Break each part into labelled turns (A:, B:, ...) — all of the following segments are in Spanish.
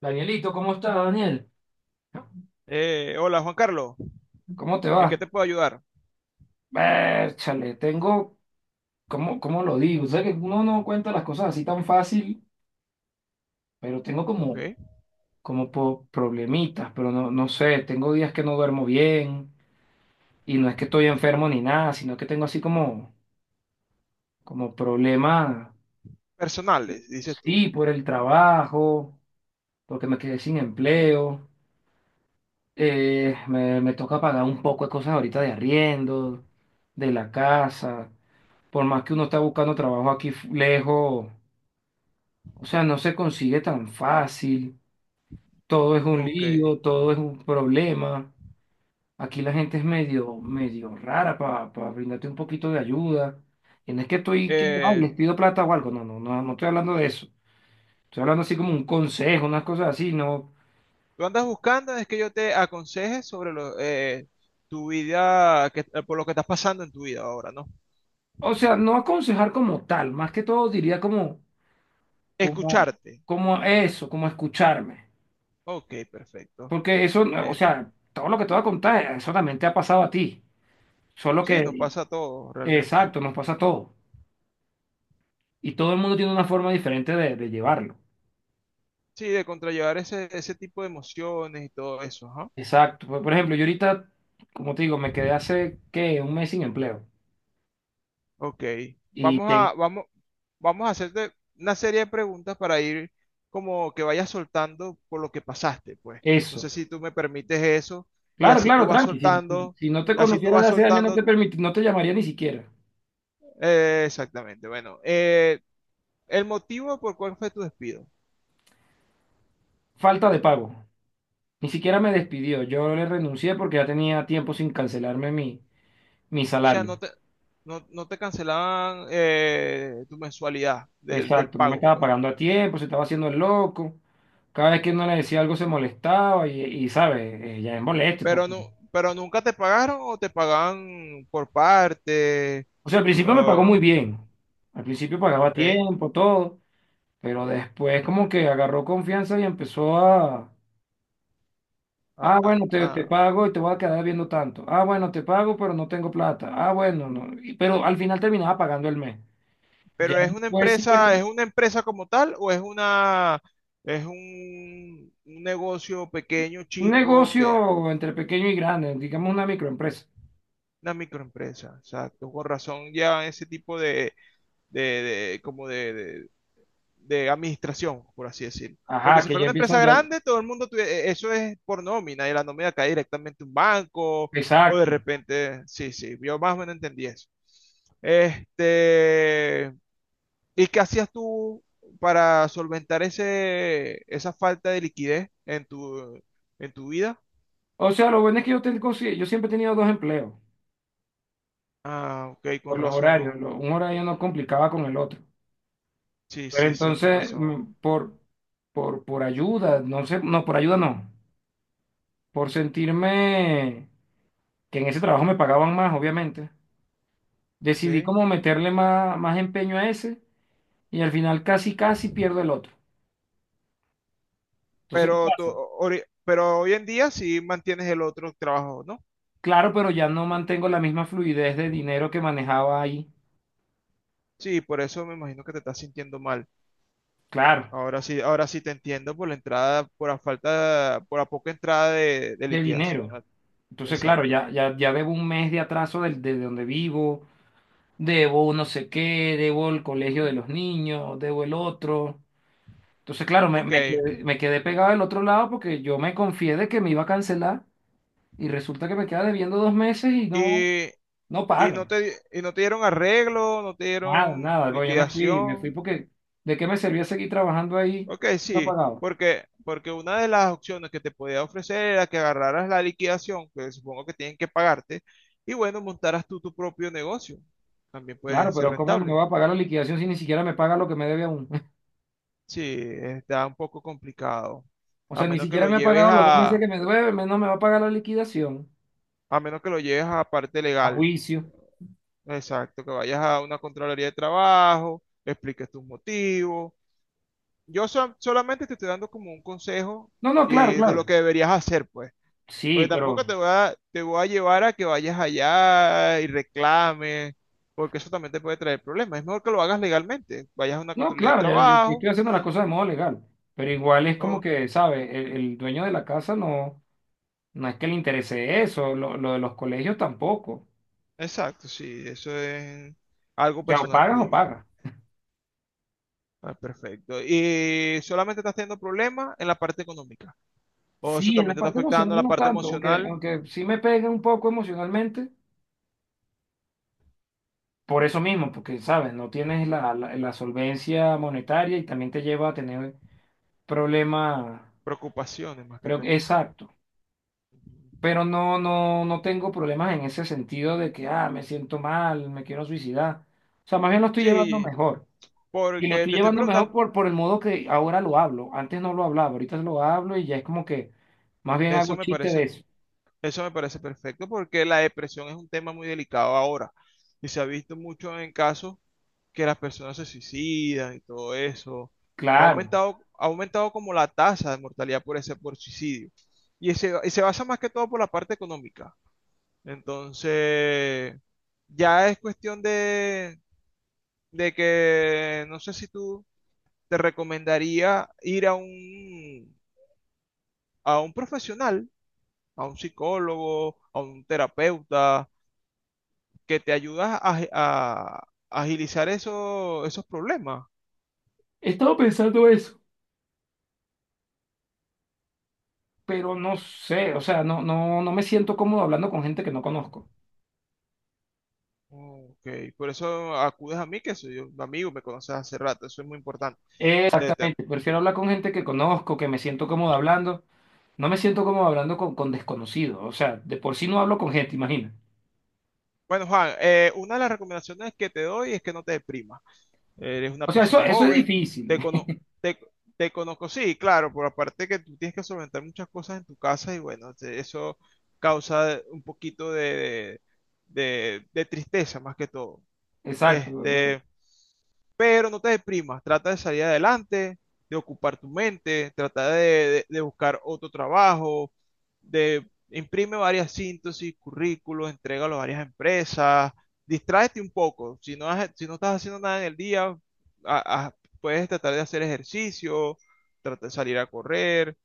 A: Danielito, ¿cómo estás, Daniel?
B: Hola Juan Carlos,
A: ¿Cómo te
B: ¿en
A: va?
B: qué te puedo ayudar?
A: Chale, tengo, ¿cómo, cómo lo digo? Sé que uno no cuenta las cosas así tan fácil, pero tengo como,
B: Ok.
A: como problemitas, pero no, no sé, tengo días que no duermo bien y no es que estoy enfermo ni nada, sino que tengo así como, como problemas,
B: Personales, dices tú.
A: sí, por el trabajo, porque me quedé sin empleo, me toca pagar un poco de cosas ahorita de arriendo, de la casa. Por más que uno está buscando trabajo aquí lejos, o sea, no se consigue tan fácil, todo es un
B: Ok.
A: lío, todo es un problema. Aquí la gente es medio, medio rara para brindarte un poquito de ayuda. Y no es que estoy que, ay,
B: Eh,
A: les pido plata o algo, no, no, no, no estoy hablando de eso. Estoy hablando así como un consejo, unas cosas así, no.
B: Tú andas buscando es que yo te aconseje sobre lo, tu vida, por lo que estás pasando en tu vida ahora, ¿no?
A: O sea, no aconsejar como tal, más que todo diría como, como,
B: Escucharte.
A: como eso, como escucharme.
B: Ok, perfecto.
A: Porque eso, o
B: Eh,
A: sea, todo lo que te voy a contar, eso también te ha pasado a ti. Solo
B: sí, nos
A: que,
B: pasa a todos realmente.
A: exacto, nos pasa a todos. Y todo el mundo tiene una forma diferente de llevarlo.
B: Sí, de contrallevar ese, ese tipo de emociones y todo eso, ajá.
A: Exacto. Por ejemplo, yo ahorita, como te digo, me quedé hace, ¿qué? Un mes sin empleo.
B: Ok,
A: Y
B: vamos, vamos a hacerte una serie de preguntas para ir como que vayas soltando por lo que pasaste, pues. No sé
A: eso.
B: si tú me permites eso y
A: Claro,
B: así tú
A: claro,
B: vas
A: tranqui. Si,
B: soltando,
A: si no te
B: y así tú
A: conociera de
B: vas
A: hace años,
B: soltando,
A: no te llamaría ni siquiera.
B: exactamente. Bueno, el motivo por cuál fue tu despido. O
A: Falta de pago. Ni siquiera me despidió. Yo le renuncié porque ya tenía tiempo sin cancelarme mi, mi
B: sea,
A: salario.
B: no, no te cancelaban tu mensualidad del, del
A: Exacto, no me
B: pago,
A: estaba
B: pues.
A: pagando a tiempo, se estaba haciendo el loco. Cada vez que uno le decía algo se molestaba y ¿sabes? Ya es molesto.
B: Pero
A: Porque...
B: no, pero nunca te pagaron o te pagaban por parte.
A: O sea, al principio me pagó
B: Oh,
A: muy bien. Al principio pagaba a
B: ok.
A: tiempo, todo. Pero después como que agarró confianza y empezó a...
B: Ah,
A: Ah,
B: ah,
A: bueno, te
B: ah.
A: pago y te voy a quedar viendo tanto. Ah, bueno, te pago, pero no tengo plata. Ah, bueno, no. Pero al final terminaba pagando el mes. Ya
B: Pero
A: después sí,
B: ¿es una empresa como tal o es una es un negocio pequeño,
A: un
B: chico, que
A: negocio entre pequeño y grande, digamos una microempresa.
B: una microempresa? Exacto, con razón ya ese tipo de, como de administración, por así decirlo. Porque
A: Ajá,
B: si
A: que
B: fuera
A: ya
B: una
A: empiezan
B: empresa
A: ya.
B: grande, todo el mundo eso es por nómina y la nómina cae directamente a un banco o de
A: Exacto.
B: repente, sí, sí, yo más o menos entendí eso. Este, ¿y qué hacías tú para solventar ese, esa falta de liquidez en tu vida?
A: O sea, lo bueno es que yo, tengo, yo siempre he tenido dos empleos
B: Ah, ok, con
A: por los horarios.
B: razón.
A: Un horario no complicaba con el otro.
B: Sí,
A: Pero
B: sí, sí, con
A: entonces,
B: razón.
A: por, por ayuda, no sé, no, por ayuda no. Por sentirme que en ese trabajo me pagaban más, obviamente. Decidí
B: Ok.
A: como meterle más, más empeño a ese y al final casi, casi pierdo el otro. Entonces, ¿qué
B: Pero, tú,
A: pasa?
B: pero hoy en día sí mantienes el otro trabajo, ¿no?
A: Claro, pero ya no mantengo la misma fluidez de dinero que manejaba ahí.
B: Sí, por eso me imagino que te estás sintiendo mal.
A: Claro.
B: Ahora sí te entiendo por la entrada, por la falta, por la poca entrada de
A: De
B: liquidación.
A: dinero.
B: Ah,
A: Entonces, claro,
B: exacto.
A: ya, ya, ya debo un mes de atraso de, donde vivo, debo no sé qué, debo el colegio de los niños, debo el otro. Entonces, claro,
B: Ok.
A: me quedé pegado del otro lado porque yo me confié de que me iba a cancelar y resulta que me queda debiendo dos meses y no,
B: Y
A: no
B: Y no
A: pagan.
B: te, di- y no te dieron arreglo, no te
A: Nada,
B: dieron
A: nada. Bueno, yo me fui
B: liquidación.
A: porque ¿de qué me servía seguir trabajando ahí?
B: Ok,
A: No
B: sí,
A: pagaba.
B: porque, porque una de las opciones que te podía ofrecer era que agarraras la liquidación, que supongo que tienen que pagarte, y bueno, montaras tú tu propio negocio. También puede
A: Claro,
B: ser
A: pero ¿cómo me
B: rentable.
A: va a pagar la liquidación si ni siquiera me paga lo que me debe aún?
B: Sí, está un poco complicado.
A: O
B: A
A: sea, ni
B: menos que
A: siquiera
B: lo
A: me ha
B: lleves
A: pagado los dos meses
B: a,
A: que me debe, no me va a pagar la liquidación,
B: a menos que lo lleves a parte
A: a
B: legal.
A: juicio.
B: Exacto, que vayas a una contraloría de trabajo, expliques tus motivos. Solamente te estoy dando como un consejo
A: No, no, claro,
B: de
A: claro.
B: lo que deberías hacer, pues.
A: Sí,
B: Porque tampoco
A: pero...
B: te voy a llevar a que vayas allá y reclames, porque eso también te puede traer problemas. Es mejor que lo hagas legalmente. Vayas a una
A: No,
B: controlía de
A: claro, yo
B: trabajo.
A: estoy haciendo las cosas de modo legal, pero igual es como
B: o-
A: que, ¿sabes? El dueño de la casa no, no es que le interese eso, lo de los colegios tampoco. O
B: exacto, sí, eso es algo
A: sea, o
B: personal
A: pagas o
B: tuyo.
A: pagas.
B: Ah, perfecto. ¿Y solamente estás teniendo problemas en la parte económica? ¿O eso
A: Sí, en la
B: también te está
A: parte
B: afectando en
A: emocional
B: la
A: no
B: parte
A: tanto, aunque,
B: emocional?
A: aunque sí me pega un poco emocionalmente, por eso mismo, porque, ¿sabes? No tienes la, la solvencia monetaria y también te lleva a tener problemas.
B: Preocupaciones más que
A: Creo que,
B: todo.
A: exacto.
B: Ujú.
A: Pero no, no, no tengo problemas en ese sentido de que, ah, me siento mal, me quiero suicidar. O sea, más bien lo estoy llevando
B: Sí,
A: mejor. Y lo
B: porque
A: estoy
B: te estoy
A: llevando mejor
B: preguntando.
A: por el modo que ahora lo hablo. Antes no lo hablaba, ahorita lo hablo y ya es como que más bien
B: Eso
A: hago
B: me
A: chiste de
B: parece,
A: eso.
B: eso me parece perfecto porque la depresión es un tema muy delicado ahora y se ha visto mucho en casos que las personas se suicidan y todo eso.
A: Claro.
B: Ha aumentado como la tasa de mortalidad por ese, por suicidio y, y se basa más que todo por la parte económica. Entonces, ya es cuestión de que no sé si tú te recomendaría ir a un profesional, a un psicólogo, a un terapeuta que te ayuda a, a agilizar esos problemas.
A: He estado pensando eso, pero no sé, o sea, no, no, no me siento cómodo hablando con gente que no conozco.
B: Oh, ok, por eso acudes a mí, que soy un amigo, me conoces hace rato, eso es muy importante. Te- te-
A: Exactamente, prefiero hablar con gente que conozco, que me siento cómodo hablando. No me siento como hablando con desconocidos. O sea, de por sí no hablo con gente, imagina.
B: Bueno, Juan, una de las recomendaciones que te doy es que no te deprimas. Eres una
A: O sea, eso,
B: persona
A: eso es
B: joven,
A: difícil.
B: te cono- te, te conozco, sí, claro, por aparte que tú tienes que solventar muchas cosas en tu casa y bueno, eso causa un poquito de, de tristeza más que todo.
A: Exacto, bueno,
B: Este, pero no te deprimas, trata de salir adelante, de ocupar tu mente, trata de, de buscar otro trabajo, de imprime varias síntesis, currículos, entrégalo a varias empresas, distráete un poco, si no, si no estás haciendo nada en el día, a- a- puedes tratar de hacer ejercicio, trata de salir a correr,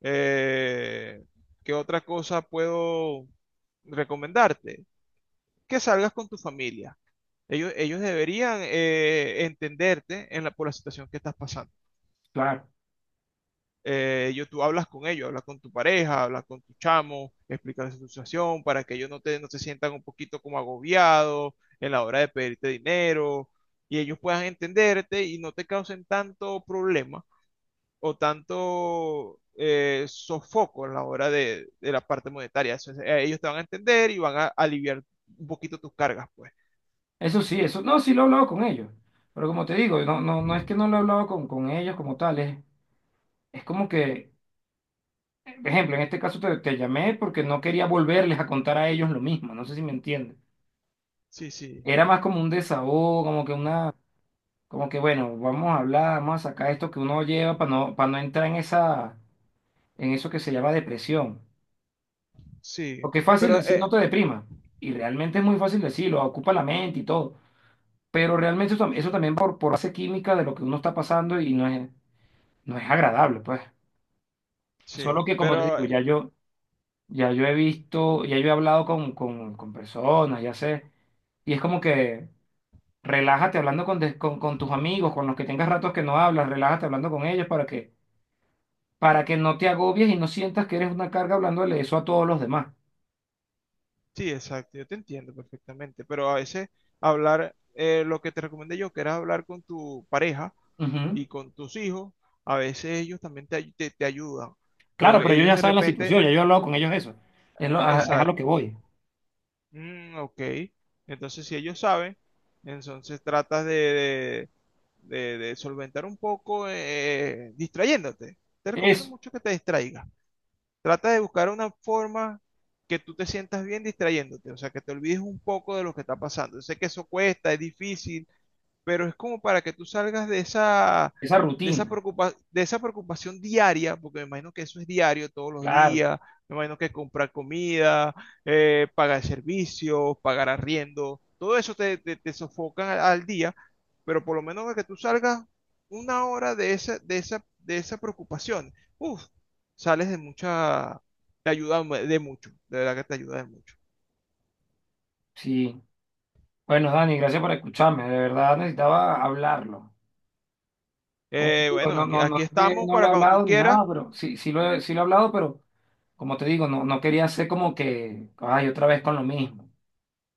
B: eh, ¿qué otra cosa puedo recomendarte? Que salgas con tu familia. Ellos deberían entenderte en la, por la situación que estás pasando.
A: claro.
B: Ellos, tú hablas con ellos, hablas con tu pareja, hablas con tu chamo, explicas tu situación para que ellos no, te, no se sientan un poquito como agobiados en la hora de pedirte dinero y ellos puedan entenderte y no te causen tanto problema o tanto sofoco en la hora de la parte monetaria. Eso es, ellos te van a entender y van a aliviar un poquito tus cargas, pues.
A: Eso sí, eso. No, sí lo he hablado con ellos. Pero como te digo, no, no, no es que no lo he hablado con ellos como tales. Es como que, por ejemplo, en este caso te llamé porque no quería volverles a contar a ellos lo mismo. No sé si me entiendes.
B: Sí, sí,
A: Era más como un desahogo, como que una, como que bueno, vamos a hablar, vamos a sacar esto que uno lleva para no entrar en esa, en eso que se llama depresión.
B: sí.
A: Porque es fácil
B: Pero
A: decir, no
B: eh,
A: te deprima. Y realmente es muy fácil decirlo, ocupa la mente y todo. Pero realmente eso, eso también por base química de lo que uno está pasando y no es, no es agradable, pues.
B: Sí,
A: Solo que, como te
B: pero
A: digo,
B: eh,
A: ya yo, ya yo he visto, ya yo he hablado con personas, ya sé. Y es como que relájate hablando con, con tus amigos, con los que tengas ratos que no hablas, relájate hablando con ellos para que no te agobies y no sientas que eres una carga hablándole eso a todos los demás.
B: sí, exacto, yo te entiendo perfectamente, pero a veces hablar, lo que te recomendé yo, que era hablar con tu pareja
A: Ujú.
B: y con tus hijos, a veces ellos también te ayudan,
A: Claro,
B: porque
A: pero ellos
B: ellos
A: ya
B: de
A: saben la
B: repente,
A: situación, ya yo he hablado con ellos de eso. Es, es a lo que
B: exacto,
A: voy.
B: mm, ok, entonces si ellos saben, entonces tratas de, de solventar un poco distrayéndote. Te recomiendo
A: Eso,
B: mucho que te distraigas. Trata de buscar una forma que tú te sientas bien distrayéndote, o sea, que te olvides un poco de lo que está pasando. Yo sé que eso cuesta, es difícil, pero es como para que tú salgas de esa,
A: esa
B: de esa
A: rutina.
B: de esa preocupación diaria, porque me imagino que eso es diario, todos los
A: Claro,
B: días, me imagino que comprar comida, pagar servicios, pagar arriendo, todo eso te, te, te sofocan al, al día, pero por lo menos para que tú salgas una hora de esa, de esa, de esa preocupación, uf, sales de mucha, te ayuda de mucho, de verdad que te ayuda de mucho.
A: sí. Bueno, Dani, gracias por escucharme. De verdad necesitaba hablarlo. Como te digo,
B: Bueno,
A: no,
B: aquí,
A: no, no
B: aquí
A: es que
B: estamos
A: no le he
B: para cuando tú
A: hablado ni
B: quieras.
A: nada, pero sí, sí lo he hablado, pero como te digo, no, no quería ser como que, ay, otra vez con lo mismo.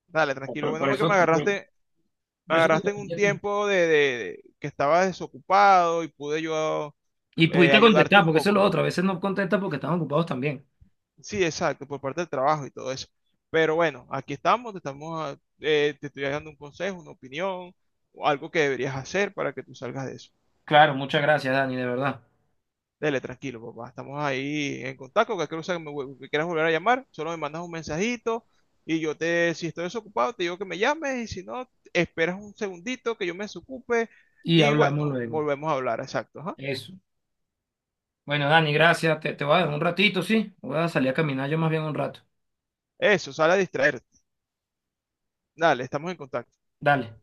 B: Dale, tranquilo.
A: Por, por
B: Bueno, que
A: eso, por,
B: me
A: por eso
B: agarraste en
A: te
B: un
A: llamé a ti.
B: tiempo de, que estabas desocupado y pude yo
A: Y pudiste
B: ayudarte
A: contestar,
B: un
A: porque eso es lo
B: poco.
A: otro. A veces no contestas porque están ocupados también.
B: Sí, exacto, por parte del trabajo y todo eso. Pero bueno, aquí estamos, te estamos, ah, te estoy dando un consejo, una opinión, o algo que deberías hacer para que tú salgas de eso.
A: Claro, muchas gracias, Dani, de verdad.
B: Dele, tranquilo, papá, estamos ahí en contacto, cualquier cosa que me, que quieras volver a llamar, solo me mandas un mensajito y yo te, si estoy desocupado, te digo que me llames y si no, esperas un segundito que yo me desocupe
A: Y
B: y
A: hablamos
B: bueno,
A: luego.
B: volvemos a hablar, exacto. Ajá.
A: Eso. Bueno, Dani, gracias. Te voy a dar un ratito, ¿sí? Voy a salir a caminar yo más bien un rato.
B: Eso, sale a distraerte. Dale, estamos en contacto.
A: Dale.